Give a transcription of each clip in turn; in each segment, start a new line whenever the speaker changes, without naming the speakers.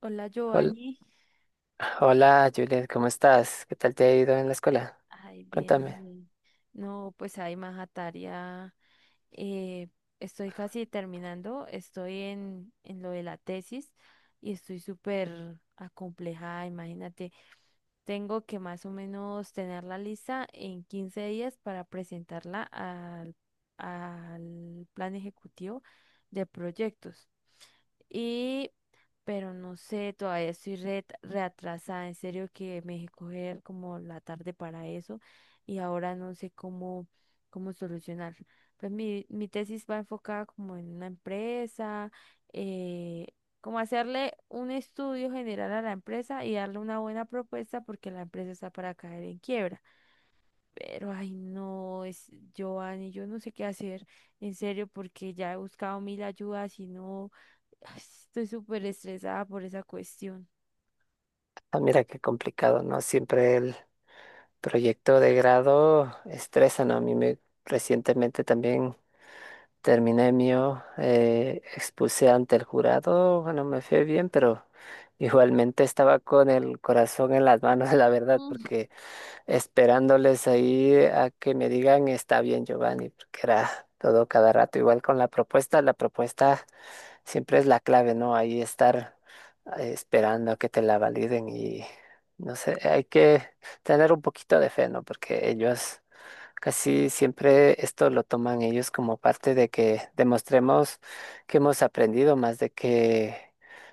Hola,
Hol-
Giovanni.
Hola, Juliet, ¿cómo estás? ¿Qué tal te ha ido en la escuela?
Ay, bien,
Cuéntame.
bien. No, pues hay más tarea. eh, estoy casi terminando, estoy en lo de la tesis y estoy súper acomplejada, imagínate. Tengo que más o menos tener la lista en 15 días para presentarla al plan ejecutivo de proyectos. Y, pero no sé, todavía estoy reatrasada. En serio que me dejé coger como la tarde para eso y ahora no sé cómo solucionar. Pues mi tesis va enfocada como en una empresa, eh, como hacerle un estudio general a la empresa y darle una buena propuesta porque la empresa está para caer en quiebra. Pero ay no, es Giovanni, yo no sé qué hacer, en serio, porque ya he buscado mil ayudas y no. Ay, estoy súper estresada por esa cuestión.
Ah, mira qué complicado, ¿no? Siempre el proyecto de grado estresa, ¿no? A mí me recientemente también terminé mío, expuse ante el jurado, bueno, me fue bien, pero igualmente estaba con el corazón en las manos, la verdad,
Mm.
porque esperándoles ahí a que me digan está bien, Giovanni, porque era todo cada rato, igual con la propuesta, la propuesta. Siempre es la clave, ¿no? Ahí estar esperando a que te la validen y no sé, hay que tener un poquito de fe, ¿no? Porque ellos casi siempre esto lo toman ellos como parte de que demostremos que hemos aprendido más de que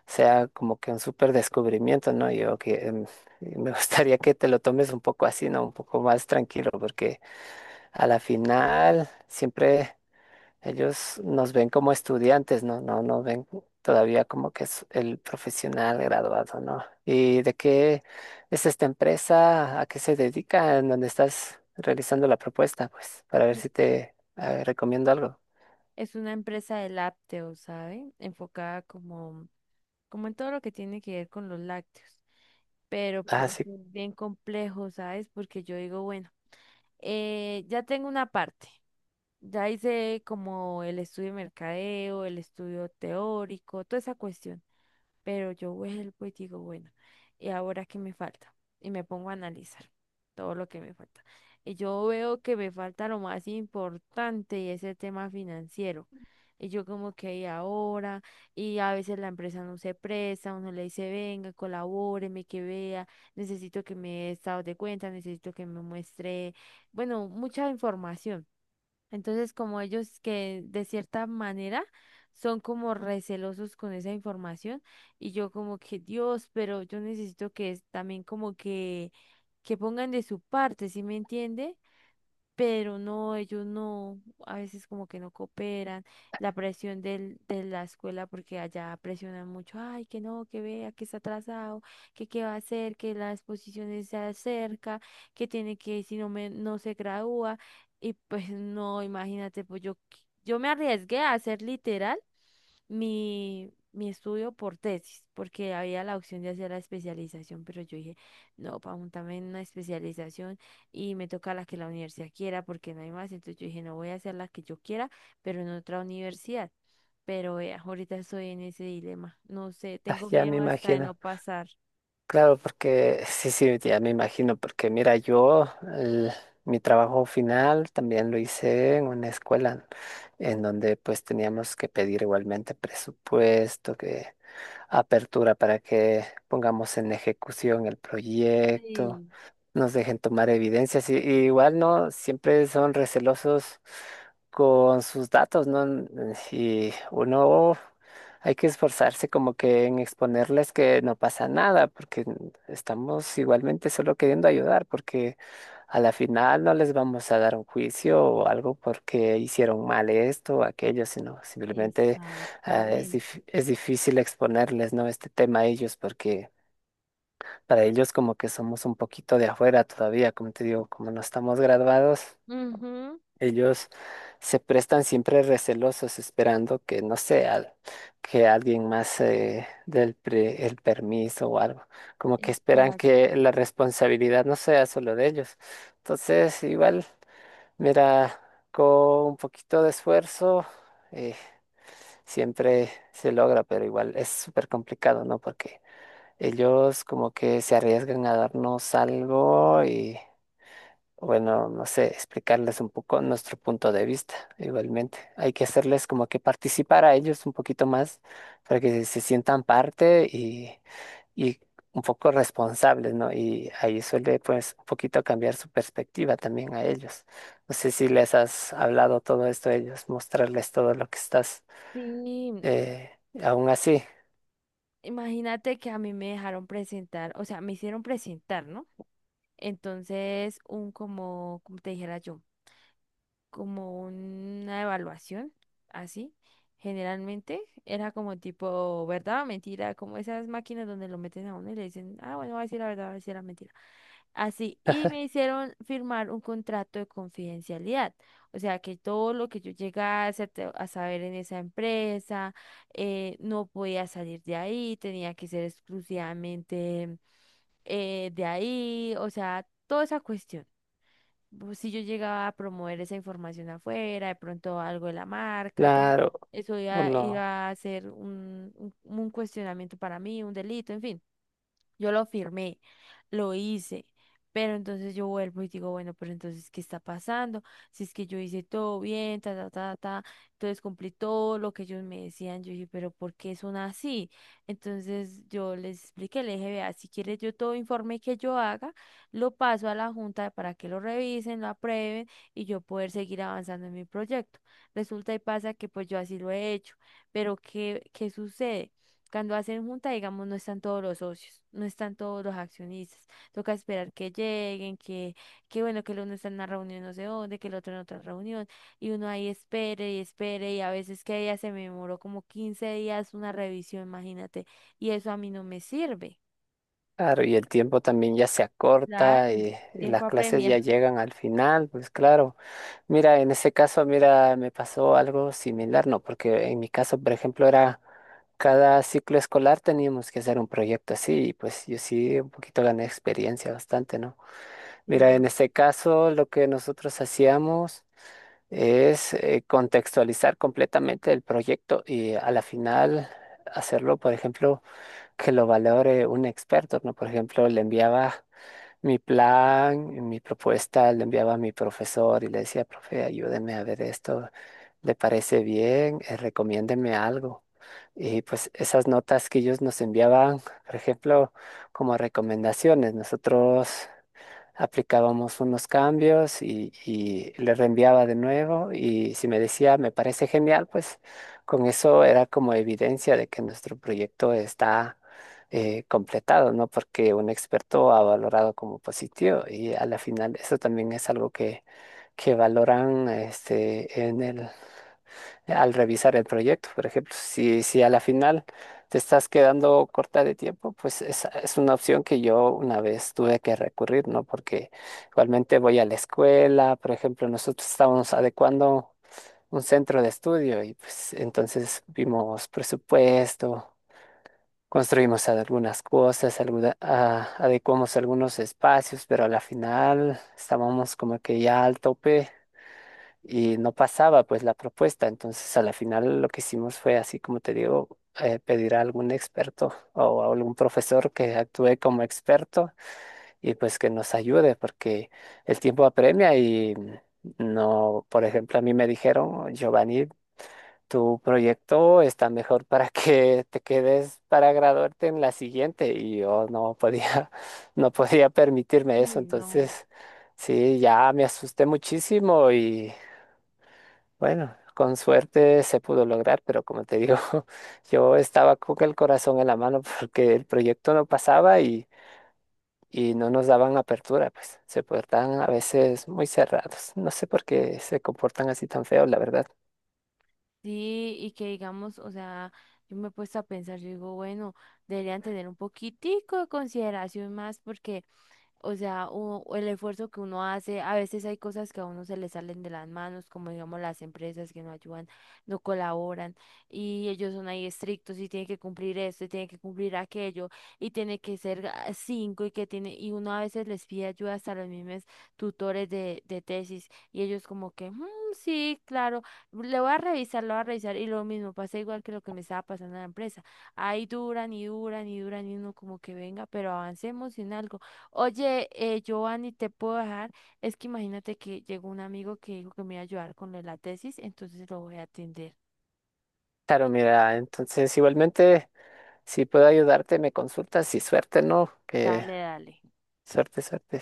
sea como que un súper descubrimiento, ¿no? Yo que me gustaría que te lo tomes un poco así, ¿no? Un poco más tranquilo, porque a la final siempre. Ellos nos ven como estudiantes, ¿no? No ven todavía como que es el profesional graduado, ¿no? ¿Y de qué es esta empresa? ¿A qué se dedica? ¿En dónde estás realizando la propuesta? Pues para ver
Es
si te recomiendo algo.
es una empresa de lácteos, ¿sabe? Enfocada como en todo lo que tiene que ver con los lácteos. Pero
Ah,
pues
sí,
es bien complejo, ¿sabes? Porque yo digo, bueno, ya tengo una parte. Ya hice como el estudio de mercadeo, el estudio teórico, toda esa cuestión. Pero yo vuelvo y digo, bueno, ¿y ahora qué me falta? Y me pongo a analizar todo lo que me falta. Y yo veo que me falta lo más importante y ese tema financiero. Y yo como que ¿y ahora, y a veces la empresa no se presta, uno le dice, venga, colabóreme, que vea, necesito que me dé estado de cuenta, necesito que me muestre, bueno, mucha información. Entonces, como ellos que de cierta manera son como recelosos con esa información y yo como que Dios, pero yo necesito que también como que pongan de su parte, ¿sí me entiende? Pero no, ellos no, a veces como que no cooperan, la presión de la escuela, porque allá presionan mucho, ay, que no, que vea, que está atrasado, que qué va a hacer, que la exposición se acerca, que tiene que, si no se gradúa, y pues no, imagínate, pues yo, yo me arriesgué a hacer literal mi estudio por tesis, porque había la opción de hacer la especialización, pero yo dije, no, para montarme en una especialización y me toca la que la universidad quiera, porque no hay más. Entonces yo dije, no voy a hacer la que yo quiera, pero en otra universidad. Pero vea, ahorita estoy en ese dilema. No sé,
ah,
tengo
ya me
miedo hasta de no
imagino.
pasar.
Claro, porque sí, sí, ya me imagino, porque mira, yo el- mi trabajo final también lo hice en una escuela en donde pues teníamos que pedir igualmente presupuesto, apertura para que pongamos en ejecución el proyecto,
Sí,
nos dejen tomar evidencias y igual no, siempre son recelosos con sus datos, ¿no? Mm, y uno hay que esforzarse como que en exponerles que no pasa nada, porque estamos igualmente solo queriendo ayudar, porque a la final no les vamos a dar un juicio o algo porque hicieron mal esto o aquello, sino simplemente. Ah,
exactamente.
es difícil exponerles, ¿no? Este tema a ellos porque para ellos como que somos un poquito de afuera todavía, como te digo, como no estamos graduados,
Ujú.
ellos se prestan siempre recelosos esperando que, no sé, que alguien más el permiso o algo, como que esperan
Exacto.
que la responsabilidad no sea solo de ellos. Entonces, igual, mira, con un poquito de esfuerzo. eh, Siempre se logra, pero igual es súper complicado, ¿no? Porque ellos como que se arriesgan a darnos algo y, bueno, no sé, explicarles un poco nuestro punto de vista, igualmente. Hay que hacerles como que participar a ellos un poquito más para que se sientan parte y un poco responsables, ¿no? Y ahí suele pues un poquito cambiar su perspectiva también a ellos. No sé si les has hablado todo esto a ellos, mostrarles todo lo que estás
Sí,
eh, aún así,
imagínate que a mí me dejaron presentar, o sea, me hicieron presentar, ¿no? Entonces, un como te dijera yo, como una evaluación, así, generalmente era como tipo verdad o mentira, como esas máquinas donde lo meten a uno y le dicen, ah, bueno, va a decir la verdad, va a decir la mentira. Así, y me hicieron firmar un contrato de confidencialidad. O sea, que todo lo que yo llegase a a saber en esa empresa, no podía salir de ahí, tenía que ser exclusivamente de ahí, o sea, toda esa cuestión pues, si yo llegaba a promover esa información afuera, de pronto algo de la marca, todo,
claro,
eso iba,
uno,
iba a ser un cuestionamiento para mí, un delito, en fin. Yo lo firmé, lo hice, pero entonces yo vuelvo y digo, bueno, pero entonces, ¿qué está pasando? Si es que yo hice todo bien, ta, ta, ta, ta, entonces cumplí todo lo que ellos me decían, yo dije, pero ¿por qué son así? Entonces yo les expliqué, le dije, vea, si quieres yo todo informe que yo haga, lo paso a la junta para que lo revisen, lo aprueben y yo poder seguir avanzando en mi proyecto. Resulta y pasa que pues yo así lo he hecho, pero ¿qué sucede? Cuando hacen junta, digamos, no están todos los socios, no están todos los accionistas. Toca esperar que lleguen, que bueno, que el uno está en una reunión no sé dónde, que el otro en otra reunión, y uno ahí espere y espere, y a veces que ella se me demoró como 15 días una revisión, imagínate, y eso a mí no me sirve.
claro, y el tiempo también ya se
Claro,
acorta
el
y las
tiempo
clases ya
apremia.
llegan al final, pues claro, mira, en ese caso, mira, me pasó algo similar, ¿no? Porque en mi caso, por ejemplo, era cada ciclo escolar teníamos que hacer un proyecto así, y pues yo sí un poquito gané experiencia bastante, ¿no? Mira, en
Sí.
este caso, lo que nosotros hacíamos es contextualizar completamente el proyecto y a la final hacerlo, por ejemplo, que lo valore un experto, ¿no? Por ejemplo, le enviaba mi plan, mi propuesta, le enviaba a mi profesor y le decía, profe, ayúdeme a ver esto, ¿le parece bien? Recomiéndeme algo. Y pues esas notas que ellos nos enviaban, por ejemplo, como recomendaciones, nosotros aplicábamos unos cambios y le reenviaba de nuevo y si me decía, me parece genial, pues con eso era como evidencia de que nuestro proyecto está completado, ¿no? Porque un experto ha valorado como positivo y a la final eso también es algo que valoran este, en el al revisar el proyecto. Por ejemplo, si a la final te estás quedando corta de tiempo, pues esa es una opción que yo una vez tuve que recurrir, ¿no? Porque igualmente voy a la escuela, por ejemplo, nosotros estábamos adecuando un centro de estudio y pues entonces vimos presupuesto. Construimos algunas cosas, adecuamos algunos espacios, pero a la final estábamos como que ya al tope y no pasaba pues la propuesta. Entonces a la final lo que hicimos fue así como te digo, pedir a algún experto o a algún profesor que actúe como experto y pues que nos ayude porque el tiempo apremia y no, por ejemplo, a mí me dijeron, Giovanni, tu proyecto está mejor para que te quedes para graduarte en la siguiente y yo no podía, no podía permitirme eso,
Uy, no.
entonces sí, ya me asusté muchísimo y bueno, con suerte se pudo lograr, pero como te digo, yo estaba con el corazón en la mano porque el proyecto no pasaba y no nos daban apertura, pues se portaban a veces muy cerrados. No sé por qué se comportan así tan feos, la verdad.
Sí, y que digamos, o sea, yo me he puesto a pensar, yo digo, bueno, deberían tener un poquitico de consideración más porque o sea, o el esfuerzo que uno hace, a veces hay cosas que a uno se le salen de las manos, como digamos las empresas que no ayudan, no colaboran, y ellos son ahí estrictos y tienen que cumplir esto y tienen que cumplir aquello, y tiene que ser cinco y que tiene, y uno a veces les pide ayuda hasta a los mismos tutores de tesis, y ellos como que, "Mm, sí, claro, le voy a revisar, lo voy a revisar", y lo mismo pasa igual que lo que me estaba pasando en la empresa. Ahí duran y duran y duran, y uno como que venga, pero avancemos en algo. Oye, Giovanni, ¿te puedo dejar? Es que imagínate que llegó un amigo que dijo que me iba a ayudar con lo de la tesis, entonces lo voy a atender.
Claro, mira, entonces igualmente, si puedo ayudarte, me consultas y suerte, ¿no? Que
Dale, dale.
suerte, suerte.